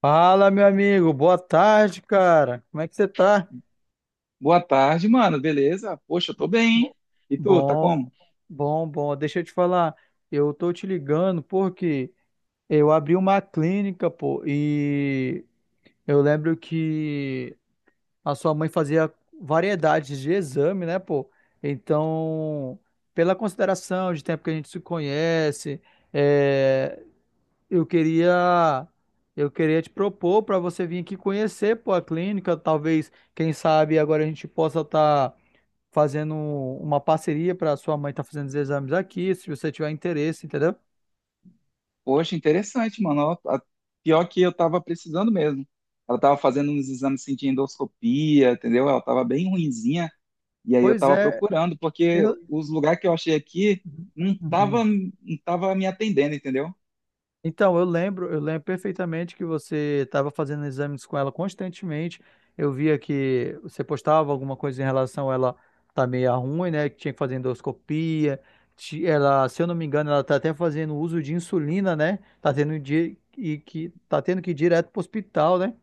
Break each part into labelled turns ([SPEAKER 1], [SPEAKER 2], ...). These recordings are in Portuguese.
[SPEAKER 1] Fala, meu amigo. Boa tarde, cara. Como é que você tá?
[SPEAKER 2] Boa tarde, mano. Beleza? Poxa, eu tô bem,
[SPEAKER 1] Bo-
[SPEAKER 2] hein? E tu, tá
[SPEAKER 1] Bom,
[SPEAKER 2] como?
[SPEAKER 1] bom. Deixa eu te falar. Eu tô te ligando porque eu abri uma clínica, pô, e eu lembro que a sua mãe fazia variedades de exame, né, pô? Então, pela consideração de tempo que a gente se conhece, eh, Eu queria, eu queria te propor para você vir aqui conhecer, pô, a clínica. Talvez, quem sabe, agora a gente possa estar fazendo uma parceria para sua mãe estar fazendo os exames aqui, se você tiver interesse, entendeu?
[SPEAKER 2] Poxa, interessante, mano. Pior que eu tava precisando mesmo. Ela tava fazendo uns exames assim, de endoscopia, entendeu? Ela tava bem ruinzinha. E aí eu
[SPEAKER 1] Pois
[SPEAKER 2] tava
[SPEAKER 1] é.
[SPEAKER 2] procurando, porque
[SPEAKER 1] Eu...
[SPEAKER 2] os lugares que eu achei aqui não tava,
[SPEAKER 1] Uhum.
[SPEAKER 2] não tava me atendendo, entendeu?
[SPEAKER 1] Então, eu lembro perfeitamente que você estava fazendo exames com ela constantemente. Eu via que você postava alguma coisa em relação a ela tá meio ruim, né? Que tinha que fazer endoscopia. Ela, se eu não me engano, ela tá até fazendo uso de insulina, né? Tá tendo e que tá tendo que ir direto pro hospital, né?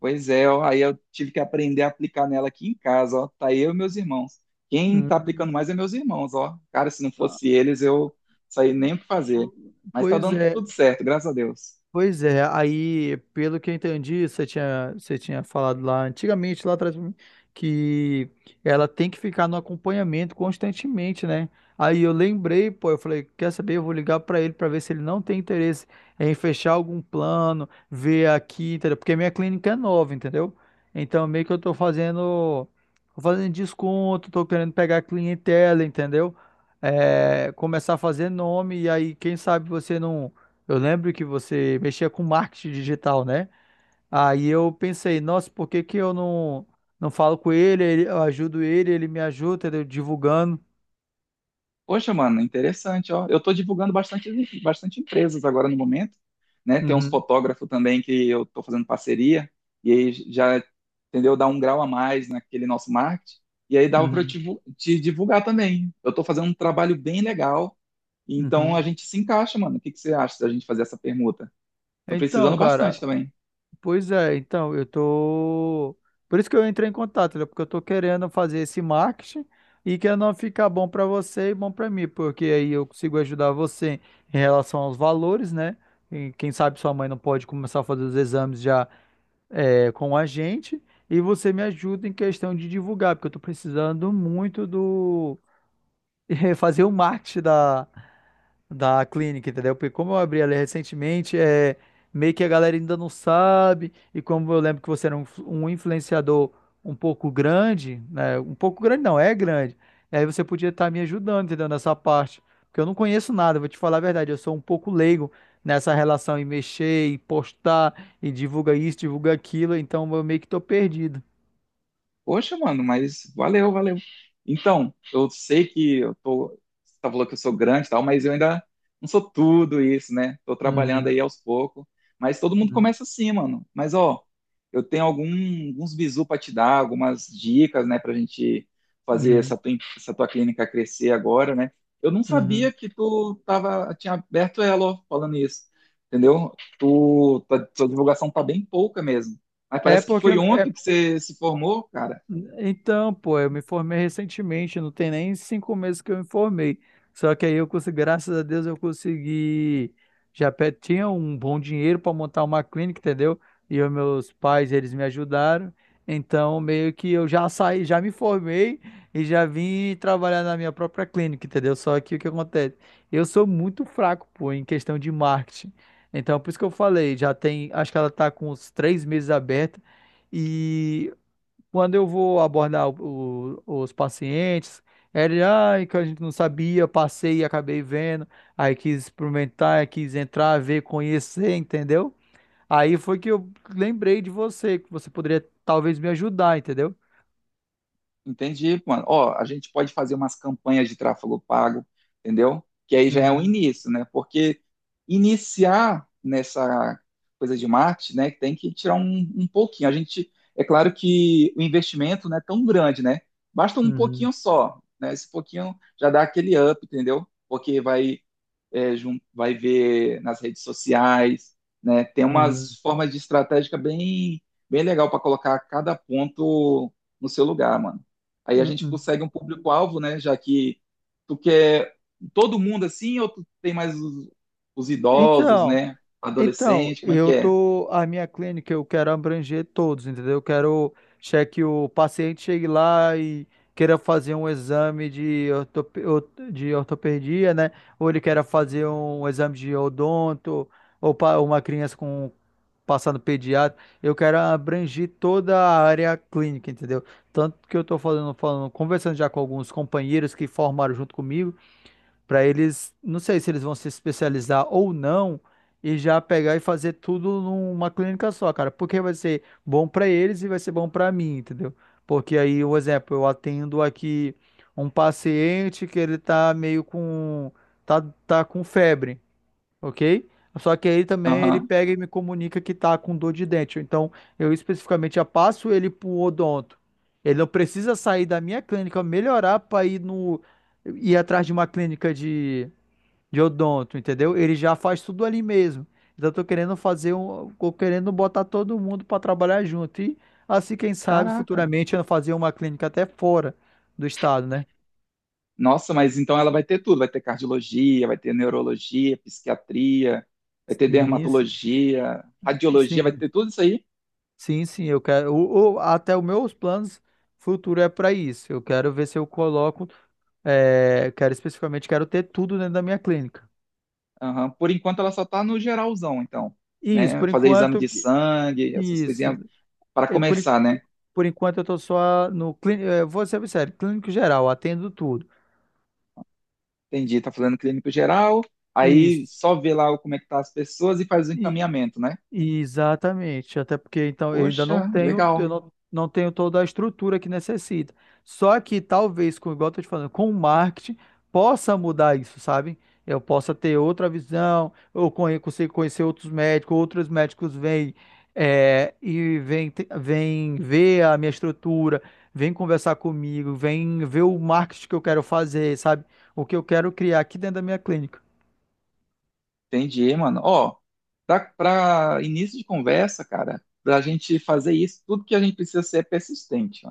[SPEAKER 2] Pois é, ó, aí eu tive que aprender a aplicar nela aqui em casa, ó. Tá eu e meus irmãos. Quem tá
[SPEAKER 1] Hum.
[SPEAKER 2] aplicando mais é meus irmãos, ó. Cara, se não fosse eles, eu saí nem o que fazer. Mas tá
[SPEAKER 1] Pois
[SPEAKER 2] dando
[SPEAKER 1] é.
[SPEAKER 2] tudo certo, graças a Deus.
[SPEAKER 1] Pois é, aí, pelo que eu entendi, você tinha falado lá antigamente, lá atrás, pra mim, que ela tem que ficar no acompanhamento constantemente, né? Aí eu lembrei, pô, eu falei, quer saber? Eu vou ligar pra ele pra ver se ele não tem interesse em fechar algum plano, ver aqui, entendeu? Porque minha clínica é nova, entendeu? Então, meio que eu tô fazendo desconto, tô querendo pegar clientela, entendeu? É, começar a fazer nome, e aí, quem sabe você não. Eu lembro que você mexia com marketing digital, né? Aí eu pensei, nossa, por que que eu não, não falo com ele, eu ajudo ele, ele me ajuda, entendeu? Divulgando.
[SPEAKER 2] Poxa, mano, interessante, ó. Eu tô divulgando bastante, bastante empresas agora no momento, né? Tem uns
[SPEAKER 1] Uhum,
[SPEAKER 2] fotógrafos também que eu tô fazendo parceria, e aí já, entendeu? Dá um grau a mais naquele nosso marketing, e aí dava pra eu
[SPEAKER 1] uhum,
[SPEAKER 2] te divulgar também. Eu tô fazendo um trabalho bem legal. Então a
[SPEAKER 1] uhum.
[SPEAKER 2] gente se encaixa, mano. O que que você acha da gente fazer essa permuta? Tô
[SPEAKER 1] Então,
[SPEAKER 2] precisando bastante
[SPEAKER 1] cara,
[SPEAKER 2] também.
[SPEAKER 1] pois é, então, eu tô. Por isso que eu entrei em contato, entendeu? Porque eu tô querendo fazer esse marketing e que não ficar bom pra você e bom pra mim, porque aí eu consigo ajudar você em relação aos valores, né? E quem sabe sua mãe não pode começar a fazer os exames já é, com a gente e você me ajuda em questão de divulgar, porque eu estou precisando muito do fazer o marketing da clínica, entendeu? Porque como eu abri ali recentemente, é meio que a galera ainda não sabe, e como eu lembro que você era um influenciador um pouco grande, né? Um pouco grande não, é grande. E aí você podia estar me ajudando, entendeu? Nessa parte. Porque eu não conheço nada, vou te falar a verdade, eu sou um pouco leigo nessa relação e mexer, e postar, e divulga isso, divulga aquilo, então eu meio que tô perdido.
[SPEAKER 2] Poxa, mano, mas valeu, valeu. Então, eu sei que eu tô. Você tá falando que eu sou grande e tal, mas eu ainda não sou tudo isso, né? Tô trabalhando
[SPEAKER 1] Uhum,
[SPEAKER 2] aí aos poucos. Mas todo mundo
[SPEAKER 1] uhum,
[SPEAKER 2] começa assim, mano. Mas, ó, eu tenho alguns bizu pra te dar, algumas dicas, né, pra gente fazer
[SPEAKER 1] uhum,
[SPEAKER 2] essa tua clínica crescer agora, né? Eu não
[SPEAKER 1] uhum.
[SPEAKER 2] sabia que tinha aberto ela, ó, falando isso. Entendeu? Tua divulgação tá bem pouca mesmo. Mas
[SPEAKER 1] É
[SPEAKER 2] parece que
[SPEAKER 1] porque é
[SPEAKER 2] foi ontem que você se formou, cara.
[SPEAKER 1] Então, pô, eu me formei recentemente, não tem nem 5 meses que eu me formei. Só que aí eu consegui, graças a Deus, eu consegui. Tinha um bom dinheiro para montar uma clínica, entendeu? E os meus pais, eles me ajudaram. Então, meio que eu já saí, já me formei e já vim trabalhar na minha própria clínica, entendeu? Só que o que acontece? Eu sou muito fraco, pô, em questão de marketing. Então, por isso que eu falei, já tem, acho que ela tá com uns 3 meses aberta. E quando eu vou abordar os pacientes, ele, ai, que a gente não sabia, passei e acabei vendo, aí quis experimentar, quis entrar, ver, conhecer, entendeu? Aí foi que eu lembrei de você, que você poderia talvez me ajudar, entendeu?
[SPEAKER 2] Entendi, mano. Ó, a gente pode fazer umas campanhas de tráfego pago, entendeu? Que aí já é um
[SPEAKER 1] Uhum,
[SPEAKER 2] início, né? Porque iniciar nessa coisa de marketing, né, tem que tirar um pouquinho. A gente, é claro que o investimento não é tão grande, né? Basta um
[SPEAKER 1] uhum,
[SPEAKER 2] pouquinho só, né? Esse pouquinho já dá aquele up, entendeu? Porque vai ver nas redes sociais, né? Tem
[SPEAKER 1] uhum.
[SPEAKER 2] umas formas de estratégica bem, bem legal para colocar cada ponto no seu lugar, mano. Aí a gente
[SPEAKER 1] Uhum.
[SPEAKER 2] consegue um público-alvo, né? Já que tu quer todo mundo assim, ou tu tem mais os idosos,
[SPEAKER 1] Então,
[SPEAKER 2] né?
[SPEAKER 1] Então,
[SPEAKER 2] Adolescente, como é que
[SPEAKER 1] eu
[SPEAKER 2] é?
[SPEAKER 1] tô, a minha clínica eu quero abranger todos, entendeu? Eu quero que o paciente chegue lá e queira fazer um exame de, de ortopedia, né? Ou ele queira fazer um exame de odonto, ou uma criança com passando pediatra. Eu quero abranger toda a área clínica, entendeu? Tanto que eu tô conversando já com alguns companheiros que formaram junto comigo para eles, não sei se eles vão se especializar ou não, e já pegar e fazer tudo numa clínica só, cara, porque vai ser bom para eles e vai ser bom para mim, entendeu? Porque aí, um exemplo, eu atendo aqui um paciente que ele tá meio com tá, tá com febre, ok? Só que aí também ele
[SPEAKER 2] Aham.
[SPEAKER 1] pega e me comunica que tá com dor de dente. Então, eu especificamente já passo ele pro odonto. Ele não precisa sair da minha clínica, melhorar para ir no ir atrás de uma clínica de odonto, entendeu? Ele já faz tudo ali mesmo. Então, eu tô querendo fazer um, tô querendo botar todo mundo para trabalhar junto. E assim, quem sabe,
[SPEAKER 2] Caraca.
[SPEAKER 1] futuramente eu fazer uma clínica até fora do estado, né?
[SPEAKER 2] Nossa, mas então ela vai ter tudo, vai ter cardiologia, vai ter neurologia, psiquiatria, vai ter
[SPEAKER 1] Sim, sim,
[SPEAKER 2] dermatologia, radiologia, vai
[SPEAKER 1] sim.
[SPEAKER 2] ter tudo isso aí?
[SPEAKER 1] Sim, sim, eu quero. Até os meus planos futuros é para isso. Eu quero ver se eu coloco. É, quero especificamente, quero ter tudo dentro da minha clínica.
[SPEAKER 2] Aham. Por enquanto ela só está no geralzão, então,
[SPEAKER 1] Isso,
[SPEAKER 2] né?
[SPEAKER 1] por
[SPEAKER 2] Fazer exame
[SPEAKER 1] enquanto.
[SPEAKER 2] de sangue, essas
[SPEAKER 1] Isso.
[SPEAKER 2] coisinhas para
[SPEAKER 1] E Por, en-
[SPEAKER 2] começar, né?
[SPEAKER 1] por enquanto eu tô só no clínico. Vou ser sério, clínico geral, atendo tudo.
[SPEAKER 2] Entendi, tá fazendo clínico geral, aí
[SPEAKER 1] Isso.
[SPEAKER 2] só vê lá como é que tá as pessoas e faz o encaminhamento, né?
[SPEAKER 1] Exatamente, até porque então eu ainda não
[SPEAKER 2] Poxa,
[SPEAKER 1] tenho,
[SPEAKER 2] legal.
[SPEAKER 1] eu não, não tenho toda a estrutura que necessita. Só que talvez, com igual eu tô te falando, com o marketing possa mudar isso, sabe? Eu possa ter outra visão, eu consigo conhecer outros médicos vêm é, e vêm ver a minha estrutura, vêm conversar comigo, vêm ver o marketing que eu quero fazer, sabe? O que eu quero criar aqui dentro da minha clínica.
[SPEAKER 2] Entendi, mano. Ó, pra início de conversa, cara, pra gente fazer isso, tudo que a gente precisa ser é persistente,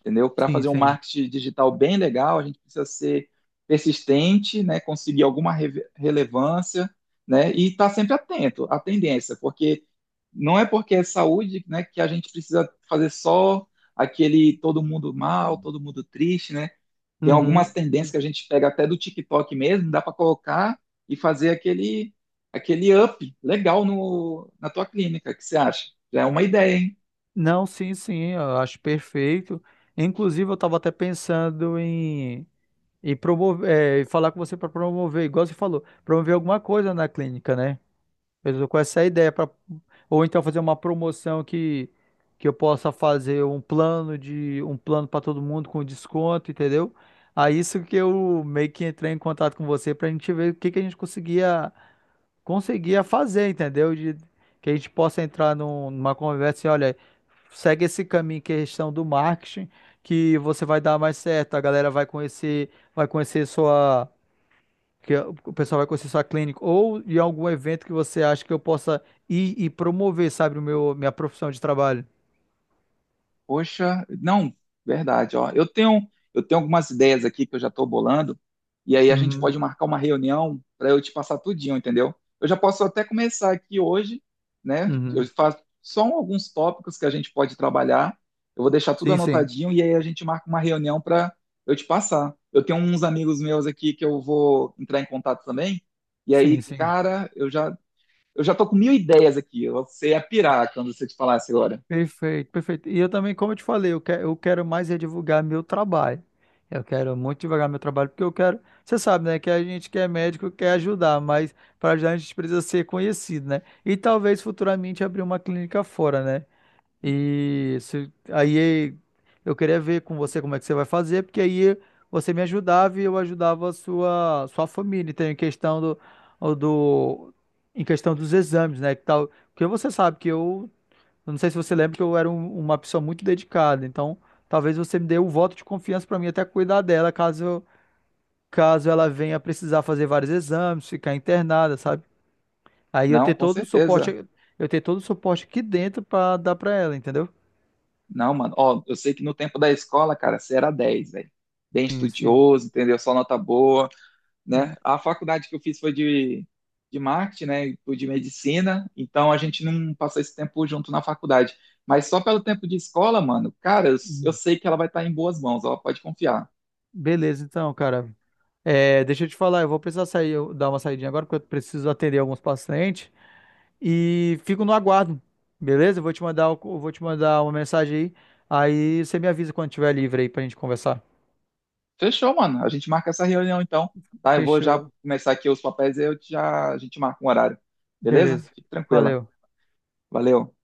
[SPEAKER 2] entendeu? Para
[SPEAKER 1] Sim,
[SPEAKER 2] fazer um
[SPEAKER 1] sim.
[SPEAKER 2] marketing digital bem legal, a gente precisa ser persistente, né? Conseguir alguma relevância, né? E estar tá sempre atento à tendência, porque não é porque é saúde, né, que a gente precisa fazer só aquele todo mundo mal, todo mundo triste, né? Tem algumas
[SPEAKER 1] Uhum.
[SPEAKER 2] tendências que a gente pega até do TikTok mesmo, dá para colocar e fazer aquele up legal no, na tua clínica. O que você acha? Já é uma ideia, hein?
[SPEAKER 1] Não, sim, sim, eu acho perfeito. Inclusive, eu estava até pensando em promover, é, em falar com você para promover, igual você falou, promover alguma coisa na clínica, né? Eu tô com essa ideia para ou então fazer uma promoção que eu possa fazer um plano de um plano para todo mundo com desconto, entendeu? Aí isso que eu meio que entrei em contato com você para a gente ver o que que a gente conseguia conseguia fazer, entendeu? De, que a gente possa entrar numa conversa e olha segue esse caminho que é a questão do marketing, que você vai dar mais certo, a galera vai conhecer sua, que o pessoal vai conhecer sua clínica ou de algum evento que você acha que eu possa ir e promover, sabe, o meu minha profissão de trabalho.
[SPEAKER 2] Poxa, não, verdade, ó. Eu tenho algumas ideias aqui que eu já estou bolando, e aí a gente
[SPEAKER 1] Uhum,
[SPEAKER 2] pode marcar uma reunião para eu te passar tudinho, entendeu? Eu já posso até começar aqui hoje, né? Eu
[SPEAKER 1] uhum.
[SPEAKER 2] faço só alguns tópicos que a gente pode trabalhar. Eu vou deixar tudo
[SPEAKER 1] Sim, sim.
[SPEAKER 2] anotadinho e aí a gente marca uma reunião para eu te passar. Eu tenho uns amigos meus aqui que eu vou entrar em contato também. E
[SPEAKER 1] Sim,
[SPEAKER 2] aí,
[SPEAKER 1] sim.
[SPEAKER 2] cara, eu já tô com mil ideias aqui. Você ia pirar quando você te falasse agora.
[SPEAKER 1] Perfeito, perfeito. E eu também, como eu te falei, eu quero mais é divulgar meu trabalho. Eu quero muito divulgar meu trabalho, porque eu quero. Você sabe, né, que a gente que é médico quer ajudar, mas para ajudar a gente precisa ser conhecido, né? E talvez futuramente abrir uma clínica fora, né? Aí eu queria ver com você como é que você vai fazer, porque aí você me ajudava e eu ajudava a sua família. Então, do, em questão dos exames, né? Que tal, porque você sabe que eu não sei se você lembra que eu era uma pessoa muito dedicada, então talvez você me dê o voto de confiança para mim até cuidar dela, caso ela venha precisar fazer vários exames, ficar internada, sabe? Aí eu
[SPEAKER 2] Não,
[SPEAKER 1] ter
[SPEAKER 2] com
[SPEAKER 1] todo o
[SPEAKER 2] certeza.
[SPEAKER 1] suporte, eu ter todo o suporte aqui dentro para dar para ela, entendeu?
[SPEAKER 2] Não, mano. Ó, eu sei que no tempo da escola, cara, você era 10, velho. Bem
[SPEAKER 1] Sim, sim.
[SPEAKER 2] estudioso, entendeu? Só nota boa, né?
[SPEAKER 1] Hum,
[SPEAKER 2] A faculdade que eu fiz foi de marketing, né? E foi de medicina. Então a gente não passou esse tempo junto na faculdade. Mas só pelo tempo de escola, mano, cara, eu
[SPEAKER 1] hum.
[SPEAKER 2] sei que ela vai estar em boas mãos, ó, pode confiar.
[SPEAKER 1] Beleza, então, cara. É, deixa eu te falar, eu vou precisar sair, eu dar uma saidinha agora, porque eu preciso atender alguns pacientes. E fico no aguardo. Beleza? Eu vou te mandar uma mensagem aí. Aí você me avisa quando tiver livre aí pra gente conversar.
[SPEAKER 2] Fechou, mano. A gente marca essa reunião então, tá? Eu vou já
[SPEAKER 1] Fechou.
[SPEAKER 2] começar aqui os papéis e a gente marca um horário. Beleza?
[SPEAKER 1] Beleza.
[SPEAKER 2] Fique tranquila.
[SPEAKER 1] Valeu.
[SPEAKER 2] Valeu.